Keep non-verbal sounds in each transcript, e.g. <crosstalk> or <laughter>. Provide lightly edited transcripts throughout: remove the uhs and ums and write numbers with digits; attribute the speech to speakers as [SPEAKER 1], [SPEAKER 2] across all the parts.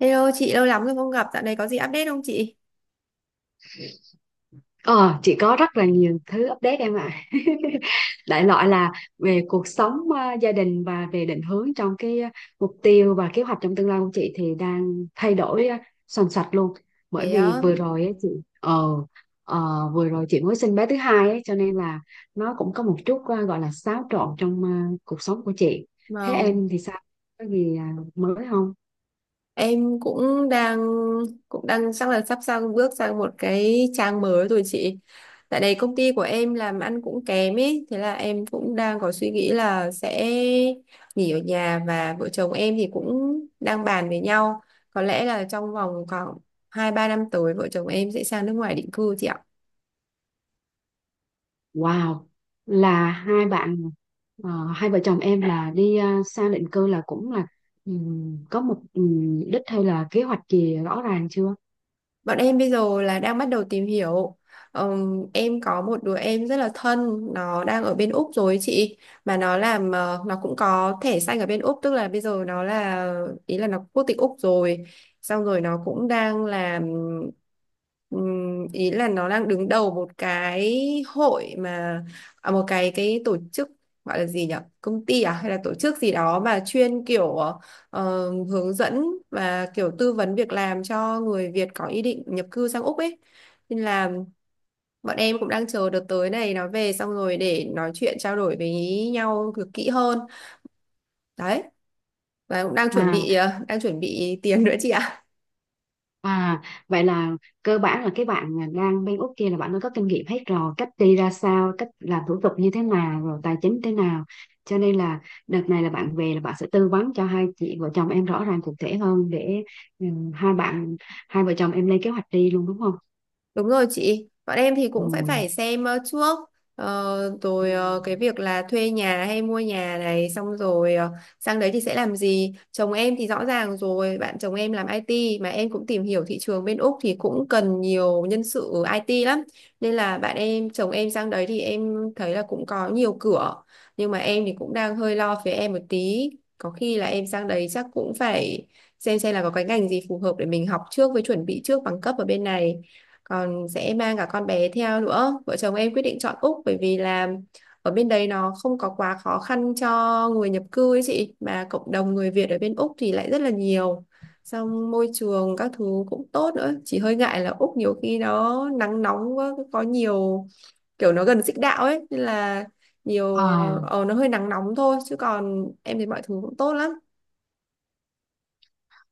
[SPEAKER 1] Hello chị, lâu lắm rồi không gặp, dạo này có gì update không chị?
[SPEAKER 2] Ờ, chị có rất là nhiều thứ update em ạ. <laughs> Đại loại là về cuộc sống, gia đình và về định hướng trong cái, mục tiêu và kế hoạch trong tương lai của chị thì đang thay đổi soành soạch luôn. Bởi
[SPEAKER 1] Thế
[SPEAKER 2] vì
[SPEAKER 1] á,
[SPEAKER 2] vừa rồi ấy chị, ờ, ờ, vừa rồi chị mới sinh bé thứ hai ấy, cho nên là nó cũng có một chút, gọi là xáo trộn trong cuộc sống của chị. Thế
[SPEAKER 1] vâng,
[SPEAKER 2] em thì sao? Có gì mới không?
[SPEAKER 1] em cũng đang chắc là sắp sang bước sang một cái trang mới rồi chị. Tại đây công ty của em làm ăn cũng kém ấy, thế là em cũng đang có suy nghĩ là sẽ nghỉ ở nhà và vợ chồng em thì cũng đang bàn với nhau. Có lẽ là trong vòng khoảng 2 3 năm tới vợ chồng em sẽ sang nước ngoài định cư chị ạ.
[SPEAKER 2] Wow, là ờ, hai vợ chồng em là đi sang định cư, là cũng là có một đích hay là kế hoạch gì rõ ràng chưa?
[SPEAKER 1] Bọn em bây giờ là đang bắt đầu tìm hiểu. Em có một đứa em rất là thân, nó đang ở bên Úc rồi ấy chị, mà nó cũng có thẻ xanh ở bên Úc, tức là bây giờ nó là ý là nó quốc tịch Úc rồi. Xong rồi nó cũng đang làm ý là nó đang đứng đầu một cái hội mà một cái tổ chức, gọi là gì nhỉ? Công ty à hay là tổ chức gì đó mà chuyên hướng dẫn và kiểu tư vấn việc làm cho người Việt có ý định nhập cư sang Úc ấy. Nên là bọn em cũng đang chờ đợt tới này nó về xong rồi để nói chuyện trao đổi với nhau được kỹ hơn. Đấy. Và cũng đang chuẩn
[SPEAKER 2] À,
[SPEAKER 1] bị ờ, đang chuẩn bị tiền nữa chị ạ.
[SPEAKER 2] à, vậy là cơ bản là cái bạn mà đang bên Úc kia là bạn đã có kinh nghiệm hết rồi, cách đi ra sao, cách làm thủ tục như thế nào, rồi tài chính thế nào. Cho nên là đợt này là bạn về là bạn sẽ tư vấn cho hai chị vợ chồng em rõ ràng cụ thể hơn để ừm, hai bạn hai vợ chồng em lên kế hoạch đi luôn, đúng không?
[SPEAKER 1] Đúng rồi chị, bọn em thì
[SPEAKER 2] Ừ.
[SPEAKER 1] cũng phải phải xem trước
[SPEAKER 2] Ừ.
[SPEAKER 1] rồi cái việc là thuê nhà hay mua nhà này xong rồi ờ, sang đấy thì sẽ làm gì. Chồng em thì rõ ràng rồi, bạn chồng em làm IT, mà em cũng tìm hiểu thị trường bên Úc thì cũng cần nhiều nhân sự ở IT lắm. Nên là bạn em, chồng em sang đấy thì em thấy là cũng có nhiều cửa. Nhưng mà em thì cũng đang hơi lo phía em một tí. Có khi là em sang đấy chắc cũng phải xem là có cái ngành gì phù hợp để mình học trước, với chuẩn bị trước bằng cấp ở bên này, còn sẽ mang cả con bé theo nữa. Vợ chồng em quyết định chọn Úc bởi vì là ở bên đấy nó không có quá khó khăn cho người nhập cư ấy chị, mà cộng đồng người Việt ở bên Úc thì lại rất là nhiều, xong môi trường các thứ cũng tốt nữa. Chỉ hơi ngại là Úc nhiều khi nó nắng nóng quá, có nhiều kiểu nó gần xích đạo ấy, nên là
[SPEAKER 2] À,
[SPEAKER 1] nó hơi nắng nóng thôi, chứ còn em thấy mọi thứ cũng tốt lắm.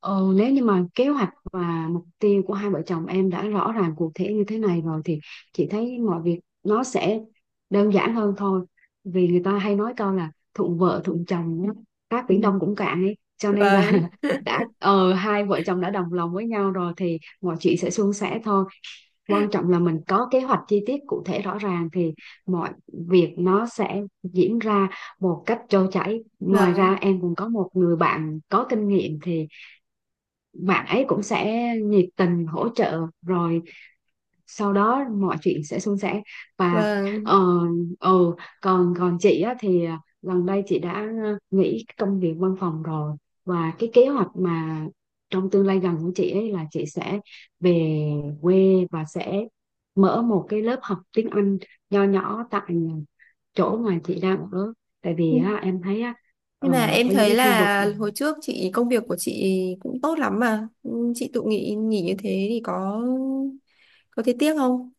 [SPEAKER 2] ừ, nếu như mà kế hoạch và mục tiêu của hai vợ chồng em đã rõ ràng cụ thể như thế này rồi thì chị thấy mọi việc nó sẽ đơn giản hơn thôi, vì người ta hay nói câu là thuận vợ thuận chồng nhá, các biển
[SPEAKER 1] Ừ.
[SPEAKER 2] đông cũng cạn ấy cho nên là
[SPEAKER 1] Vâng,
[SPEAKER 2] <laughs> đã hai vợ chồng đã đồng lòng với nhau rồi thì mọi chuyện sẽ suôn sẻ thôi. Quan trọng là mình có kế hoạch chi tiết cụ thể rõ ràng thì mọi việc nó sẽ diễn ra một cách trôi chảy. Ngoài ra em cũng có một người bạn có kinh nghiệm thì bạn ấy cũng sẽ nhiệt tình hỗ trợ, rồi sau đó mọi chuyện sẽ suôn sẻ và
[SPEAKER 1] vâng,
[SPEAKER 2] ờ ừ, còn còn chị á, thì gần đây chị đã nghỉ công việc văn phòng rồi và cái kế hoạch mà trong tương lai gần của chị ấy là chị sẽ về quê và sẽ mở một cái lớp học tiếng Anh nho nhỏ tại chỗ mà chị đang ở, tại vì
[SPEAKER 1] vâng.
[SPEAKER 2] á, em thấy á, ờ,
[SPEAKER 1] Nhưng mà em
[SPEAKER 2] ở những
[SPEAKER 1] thấy
[SPEAKER 2] cái khu vực.
[SPEAKER 1] là hồi trước chị công việc của chị cũng tốt lắm mà. Ừ, chị tự nghỉ như thế thì có thấy tiếc không?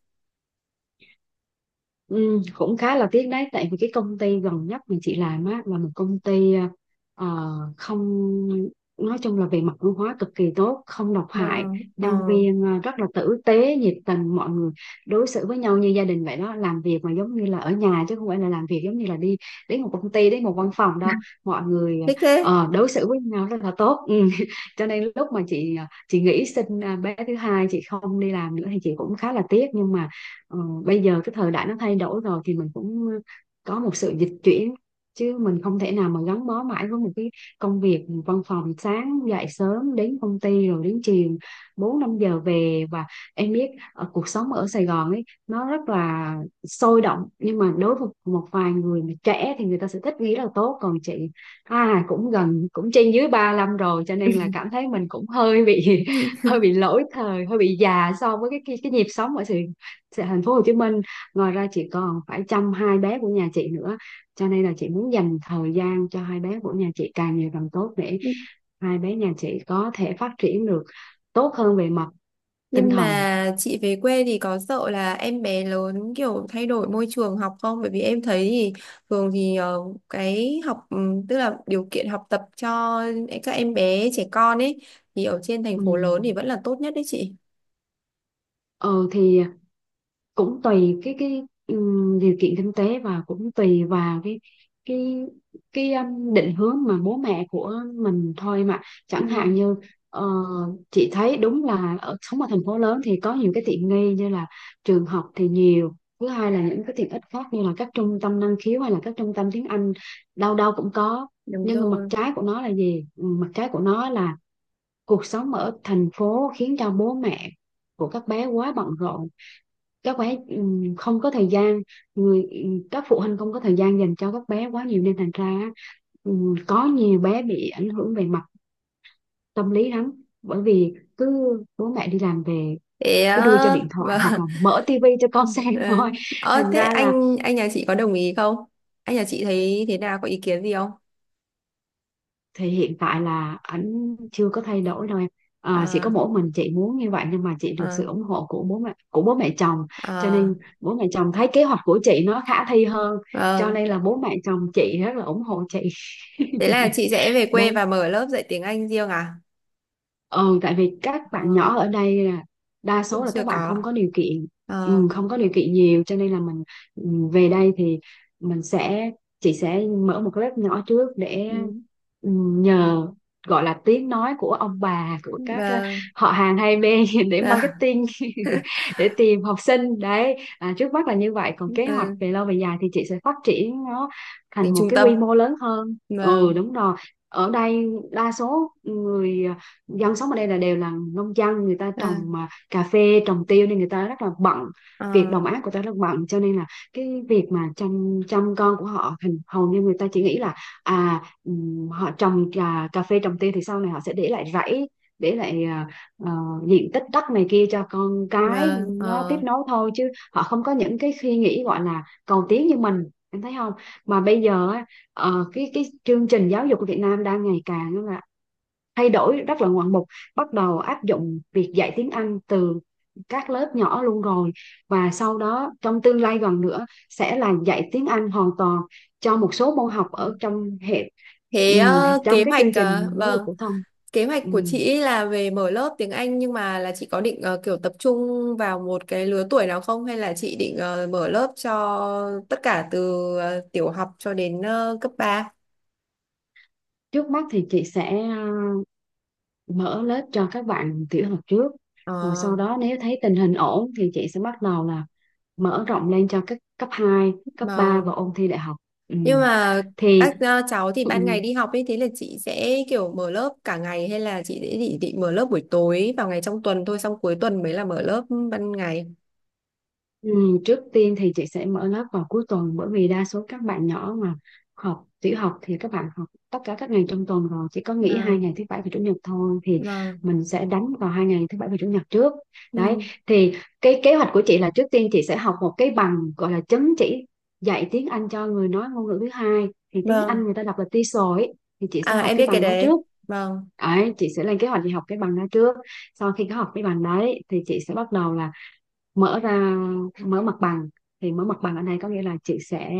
[SPEAKER 2] Ừ, cũng khá là tiếc đấy, tại vì cái công ty gần nhất mà chị làm á là một công ty, ờ, không, nói chung là về mặt văn hóa cực kỳ tốt, không độc hại,
[SPEAKER 1] Vâng,
[SPEAKER 2] nhân
[SPEAKER 1] ờ,
[SPEAKER 2] viên rất là tử tế, nhiệt tình. Mọi người đối xử với nhau như gia đình vậy đó, làm việc mà giống như là ở nhà chứ không phải là làm việc giống như là đi đến một công ty, đến một văn phòng đâu. Mọi người
[SPEAKER 1] thích thế.
[SPEAKER 2] đối xử với nhau rất là tốt, ừ. <laughs> Cho nên lúc mà chị nghĩ xin, bé thứ hai chị không đi làm nữa thì chị cũng khá là tiếc nhưng mà, Ờ, bây giờ cái thời đại nó thay đổi rồi thì mình cũng có một sự dịch chuyển chứ mình không thể nào mà gắn bó mãi với một cái công việc văn phòng, sáng dậy sớm đến công ty rồi đến chiều 4-5 giờ về, và em biết ở cuộc sống ở Sài Gòn ấy nó rất là sôi động nhưng mà đối với một vài người mà trẻ thì người ta sẽ thích, nghĩ là tốt. Còn chị à, cũng gần cũng trên dưới 35 rồi cho nên là cảm
[SPEAKER 1] <laughs>
[SPEAKER 2] thấy mình cũng hơi bị <laughs> hơi bị lỗi thời, hơi bị già so với cái nhịp sống ở thành phố Hồ Chí Minh. Ngoài ra chị còn phải chăm hai bé của nhà chị nữa cho nên là chị muốn dành thời gian cho hai bé của nhà chị càng nhiều càng tốt để hai bé nhà chị có thể phát triển được tốt hơn về mặt tinh
[SPEAKER 1] Nhưng
[SPEAKER 2] thần,
[SPEAKER 1] mà chị về quê thì có sợ là em bé lớn kiểu thay đổi môi trường học không? Bởi vì em thấy thì thường thì cái học ừ, tức là điều kiện học tập cho các em bé trẻ con ấy thì ở trên thành
[SPEAKER 2] ừ.
[SPEAKER 1] phố lớn thì vẫn là tốt nhất đấy chị.
[SPEAKER 2] Ừ, thì cũng tùy cái điều kiện kinh tế và cũng tùy vào cái cái định hướng mà bố mẹ của mình thôi, mà chẳng hạn
[SPEAKER 1] Ừ,
[SPEAKER 2] như, ờ, chị thấy đúng là ở sống ở thành phố lớn thì có nhiều cái tiện nghi như là trường học thì nhiều, thứ hai là những cái tiện ích khác như là các trung tâm năng khiếu hay là các trung tâm tiếng Anh, đâu đâu cũng có.
[SPEAKER 1] đúng
[SPEAKER 2] Nhưng mà mặt
[SPEAKER 1] rồi.
[SPEAKER 2] trái của nó là gì? Ừ, mặt trái của nó là cuộc sống ở thành phố khiến cho bố mẹ của các bé quá bận rộn, các bé không có thời gian, người các phụ huynh không có thời gian dành cho các bé quá nhiều nên thành ra á, có nhiều bé bị ảnh hưởng về mặt tâm lý lắm, bởi vì cứ bố mẹ đi làm về
[SPEAKER 1] Thế
[SPEAKER 2] cứ đưa cho
[SPEAKER 1] á,
[SPEAKER 2] điện
[SPEAKER 1] <laughs>
[SPEAKER 2] thoại
[SPEAKER 1] vâng.
[SPEAKER 2] hoặc là mở tivi cho con
[SPEAKER 1] Ờ,
[SPEAKER 2] <laughs> xem thôi,
[SPEAKER 1] ờ,
[SPEAKER 2] thành
[SPEAKER 1] thế
[SPEAKER 2] ra là
[SPEAKER 1] anh nhà chị có đồng ý không? Anh nhà chị thấy thế nào, có ý kiến gì không?
[SPEAKER 2] thì hiện tại là ảnh chưa có thay đổi đâu em à, chỉ
[SPEAKER 1] Ờ,
[SPEAKER 2] có mỗi mình chị muốn như vậy nhưng mà chị được
[SPEAKER 1] ờ,
[SPEAKER 2] sự ủng hộ của bố mẹ, của bố mẹ chồng cho
[SPEAKER 1] ờ,
[SPEAKER 2] nên bố mẹ chồng thấy kế hoạch của chị nó khả thi hơn, cho
[SPEAKER 1] vâng.
[SPEAKER 2] nên là bố mẹ chồng chị rất là ủng hộ chị.
[SPEAKER 1] Thế là chị sẽ về
[SPEAKER 2] <laughs>
[SPEAKER 1] quê
[SPEAKER 2] Đấy.
[SPEAKER 1] và mở lớp dạy tiếng Anh riêng à?
[SPEAKER 2] Ừ, tại vì các bạn
[SPEAKER 1] Ờ,
[SPEAKER 2] nhỏ ở đây là đa
[SPEAKER 1] chưa,
[SPEAKER 2] số là
[SPEAKER 1] chưa
[SPEAKER 2] các bạn
[SPEAKER 1] có.
[SPEAKER 2] không có điều kiện,
[SPEAKER 1] Ờ,
[SPEAKER 2] không có điều kiện nhiều cho nên là mình, ừ, về đây thì mình sẽ chị sẽ mở một lớp nhỏ trước để,
[SPEAKER 1] ừ,
[SPEAKER 2] ừ, nhờ gọi là tiếng nói của ông bà, của các
[SPEAKER 1] vâng,
[SPEAKER 2] họ hàng hai bên <laughs> để
[SPEAKER 1] vâng, vâng,
[SPEAKER 2] marketing <laughs> để tìm học sinh. Đấy à, trước mắt là như vậy còn kế hoạch về
[SPEAKER 1] <laughs>
[SPEAKER 2] lâu về dài thì chị sẽ phát triển nó
[SPEAKER 1] tính
[SPEAKER 2] thành một
[SPEAKER 1] trung
[SPEAKER 2] cái
[SPEAKER 1] tâm.
[SPEAKER 2] quy mô lớn hơn,
[SPEAKER 1] Vâng,
[SPEAKER 2] đúng rồi. Ở đây đa số người dân sống ở đây là đều là nông dân, người ta
[SPEAKER 1] ờ,
[SPEAKER 2] trồng mà cà phê, trồng tiêu nên người ta rất là bận, việc
[SPEAKER 1] ờ,
[SPEAKER 2] đồng áng của ta rất bận cho nên là cái việc mà chăm chăm con của họ hình hầu như người ta chỉ nghĩ là họ trồng cà phê, trồng tiêu thì sau này họ sẽ để lại rẫy, để lại ờ, diện tích đất này kia cho con cái
[SPEAKER 1] vâng,
[SPEAKER 2] nó tiếp
[SPEAKER 1] ờ.
[SPEAKER 2] nối thôi, chứ họ không có những cái suy nghĩ gọi là cầu tiến như mình, em thấy không? Mà bây giờ á, cái chương trình giáo dục của Việt Nam đang ngày càng là thay đổi rất là ngoạn mục, bắt đầu áp dụng việc dạy tiếng Anh từ các lớp nhỏ luôn rồi và sau đó trong tương lai gần nữa sẽ là dạy tiếng Anh hoàn toàn cho một số môn học ở trong hệ,
[SPEAKER 1] Thế ờ,
[SPEAKER 2] trong
[SPEAKER 1] kế
[SPEAKER 2] cái
[SPEAKER 1] hoạch,
[SPEAKER 2] chương
[SPEAKER 1] ờ,
[SPEAKER 2] trình giáo dục
[SPEAKER 1] vâng.
[SPEAKER 2] phổ thông.
[SPEAKER 1] Kế hoạch của
[SPEAKER 2] Ừm,
[SPEAKER 1] chị là về mở lớp tiếng Anh, nhưng mà là chị có định kiểu tập trung vào một cái lứa tuổi nào không, hay là chị định mở lớp cho tất cả từ tiểu học cho đến cấp ba.
[SPEAKER 2] Trước mắt thì chị sẽ, mở lớp cho các bạn tiểu học trước, rồi
[SPEAKER 1] Ờ,
[SPEAKER 2] sau đó nếu thấy tình hình ổn thì chị sẽ bắt đầu là mở rộng lên cho các cấp 2 cấp 3
[SPEAKER 1] mà
[SPEAKER 2] và ôn thi đại học.
[SPEAKER 1] nhưng
[SPEAKER 2] Ừm,
[SPEAKER 1] mà
[SPEAKER 2] thì
[SPEAKER 1] cháu thì
[SPEAKER 2] Ừ.
[SPEAKER 1] ban ngày đi học ấy, thế là chị sẽ kiểu mở lớp cả ngày, hay là chị sẽ định mở lớp buổi tối vào ngày trong tuần thôi, xong cuối tuần mới là mở lớp ban ngày.
[SPEAKER 2] Ừ, trước tiên thì chị sẽ mở lớp vào cuối tuần, bởi vì đa số các bạn nhỏ mà học tiểu học thì các bạn học tất cả các ngày trong tuần rồi, chỉ có nghỉ hai
[SPEAKER 1] Vâng,
[SPEAKER 2] ngày thứ bảy và chủ nhật thôi thì
[SPEAKER 1] vâng,
[SPEAKER 2] mình sẽ đánh vào 2 ngày thứ bảy và chủ nhật trước. Đấy,
[SPEAKER 1] ừ,
[SPEAKER 2] thì cái kế hoạch của chị là trước tiên chị sẽ học một cái bằng gọi là chứng chỉ dạy tiếng Anh cho người nói ngôn ngữ thứ hai, thì tiếng Anh
[SPEAKER 1] vâng.
[SPEAKER 2] người ta đọc là TESOL ấy. Thì chị sẽ
[SPEAKER 1] À
[SPEAKER 2] học
[SPEAKER 1] em
[SPEAKER 2] cái
[SPEAKER 1] biết cái
[SPEAKER 2] bằng đó
[SPEAKER 1] đấy.
[SPEAKER 2] trước.
[SPEAKER 1] Vâng.
[SPEAKER 2] Đấy, chị sẽ lên kế hoạch đi học cái bằng đó trước. Sau khi có học cái bằng đấy thì chị sẽ bắt đầu là mở ra mở mặt bằng, thì mở mặt bằng ở đây có nghĩa là chị sẽ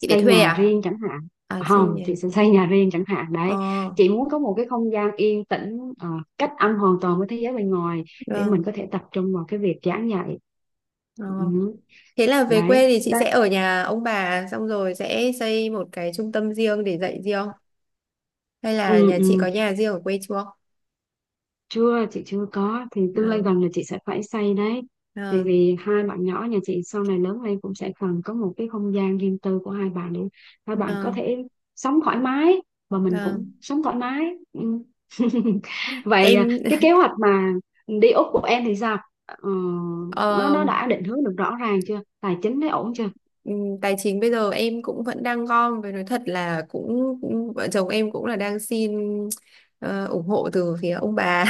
[SPEAKER 1] Chị phải thuê
[SPEAKER 2] nhà
[SPEAKER 1] à?
[SPEAKER 2] riêng chẳng hạn.
[SPEAKER 1] À sinh
[SPEAKER 2] Không,
[SPEAKER 1] nhỉ.
[SPEAKER 2] chị sẽ xây nhà riêng chẳng hạn đấy,
[SPEAKER 1] Ờ.
[SPEAKER 2] chị muốn có một cái không gian yên tĩnh, cách âm hoàn toàn với thế giới bên ngoài để mình
[SPEAKER 1] Vâng.
[SPEAKER 2] có thể tập trung vào cái việc giảng dạy,
[SPEAKER 1] Ờ.
[SPEAKER 2] ừ.
[SPEAKER 1] Thế là về
[SPEAKER 2] Đấy,
[SPEAKER 1] quê thì chị
[SPEAKER 2] đấy,
[SPEAKER 1] sẽ ở nhà ông bà xong rồi sẽ xây một cái trung tâm riêng để dạy riêng, hay là
[SPEAKER 2] ừ,
[SPEAKER 1] nhà chị có
[SPEAKER 2] ừ.
[SPEAKER 1] nhà riêng ở quê chưa?
[SPEAKER 2] Chưa, chị chưa có thì tương lai
[SPEAKER 1] Vâng.
[SPEAKER 2] gần là chị sẽ phải xây đấy, vì
[SPEAKER 1] Vâng.
[SPEAKER 2] vì hai bạn nhỏ nhà chị sau này lớn lên cũng sẽ cần có một cái không gian riêng tư của hai bạn để hai bạn có
[SPEAKER 1] Vâng.
[SPEAKER 2] thể sống thoải mái và mình cũng
[SPEAKER 1] Vâng.
[SPEAKER 2] sống thoải mái, ừ. <laughs> Vậy à,
[SPEAKER 1] Em
[SPEAKER 2] cái kế hoạch mà đi Úc của em thì sao? Ờ,
[SPEAKER 1] <laughs>
[SPEAKER 2] nó
[SPEAKER 1] ờ,
[SPEAKER 2] nó đã định hướng được rõ ràng chưa, tài chính đấy ổn chưa?
[SPEAKER 1] tài chính bây giờ em cũng vẫn đang gom, với nói thật là cũng cũng- vợ chồng em cũng là đang xin ủng hộ từ phía ông bà.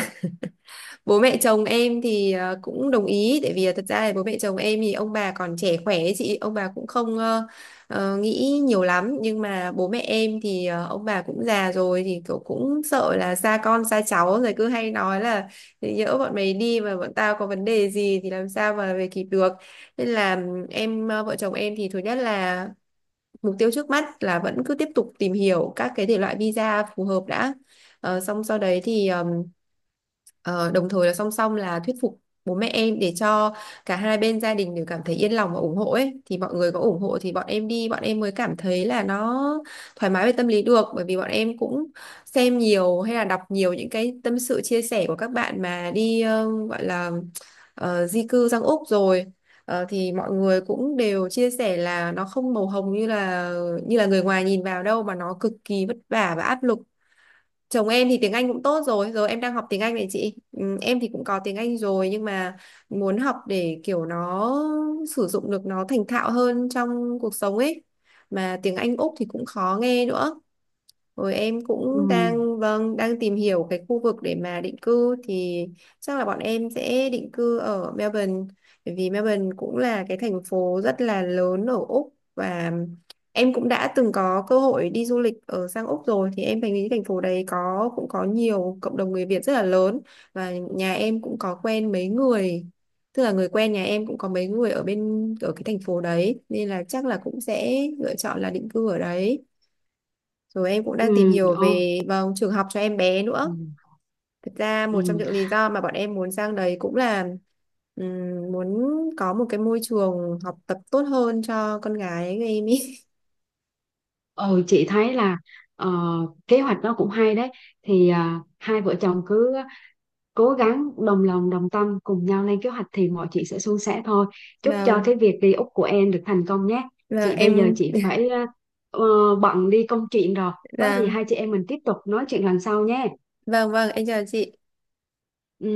[SPEAKER 1] Bố mẹ chồng em thì cũng đồng ý, tại vì là thật ra là bố mẹ chồng em thì ông bà còn trẻ khỏe ấy chị, ông bà cũng không nghĩ nhiều lắm. Nhưng mà bố mẹ em thì ông bà cũng già rồi thì kiểu cũng sợ là xa con xa cháu, rồi cứ hay nói là "Thế nhỡ bọn mày đi mà bọn tao có vấn đề gì thì làm sao mà về kịp được". Nên là vợ chồng em thì thứ nhất là mục tiêu trước mắt là vẫn cứ tiếp tục tìm hiểu các cái thể loại visa phù hợp đã. Ờ, xong sau đấy thì ờ, đồng thời là song song là thuyết phục bố mẹ em, để cho cả hai bên gia đình đều cảm thấy yên lòng và ủng hộ ấy, thì mọi người có ủng hộ thì bọn em đi bọn em mới cảm thấy là nó thoải mái về tâm lý được. Bởi vì bọn em cũng xem nhiều hay là đọc nhiều những cái tâm sự chia sẻ của các bạn mà đi gọi là di cư sang Úc rồi. Ờ, thì mọi người cũng đều chia sẻ là nó không màu hồng như là người ngoài nhìn vào đâu, mà nó cực kỳ vất vả và áp lực. Chồng em thì tiếng Anh cũng tốt rồi, rồi em đang học tiếng Anh này chị. Ừ, em thì cũng có tiếng Anh rồi, nhưng mà muốn học để kiểu nó sử dụng được nó thành thạo hơn trong cuộc sống ấy. Mà tiếng Anh Úc thì cũng khó nghe nữa. Rồi em
[SPEAKER 2] Ừ,
[SPEAKER 1] cũng đang vâng đang tìm hiểu cái khu vực để mà định cư, thì chắc là bọn em sẽ định cư ở Melbourne, bởi vì Melbourne cũng là cái thành phố rất là lớn ở Úc, và em cũng đã từng có cơ hội đi du lịch ở sang Úc rồi thì em thấy thành phố đấy có cũng có nhiều cộng đồng người Việt rất là lớn, và nhà em cũng có quen mấy người, tức là người quen nhà em cũng có mấy người ở bên ở cái thành phố đấy, nên là chắc là cũng sẽ lựa chọn là định cư ở đấy. Rồi em cũng
[SPEAKER 2] ừ,
[SPEAKER 1] đang tìm hiểu
[SPEAKER 2] ô,
[SPEAKER 1] về vâng, trường học cho em bé
[SPEAKER 2] ừ.
[SPEAKER 1] nữa. Thực ra một trong
[SPEAKER 2] Ừ.
[SPEAKER 1] những lý do mà bọn em muốn sang đấy cũng là muốn có một cái môi trường học tập tốt hơn cho con gái của em ý.
[SPEAKER 2] Ờ, chị thấy là, ờ, kế hoạch nó cũng hay đấy, thì à, hai vợ chồng cứ cố gắng đồng lòng đồng tâm cùng nhau lên kế hoạch thì mọi chuyện sẽ suôn sẻ thôi.
[SPEAKER 1] <laughs>
[SPEAKER 2] Chúc cho
[SPEAKER 1] Vâng,
[SPEAKER 2] cái việc đi Úc của em được thành công nhé,
[SPEAKER 1] vâng
[SPEAKER 2] chị bây giờ
[SPEAKER 1] em
[SPEAKER 2] chị phải bận đi công chuyện rồi, có gì
[SPEAKER 1] vâng,
[SPEAKER 2] hai chị em mình tiếp tục nói chuyện lần sau nhé,
[SPEAKER 1] vâng vâng em chào chị.
[SPEAKER 2] ừ.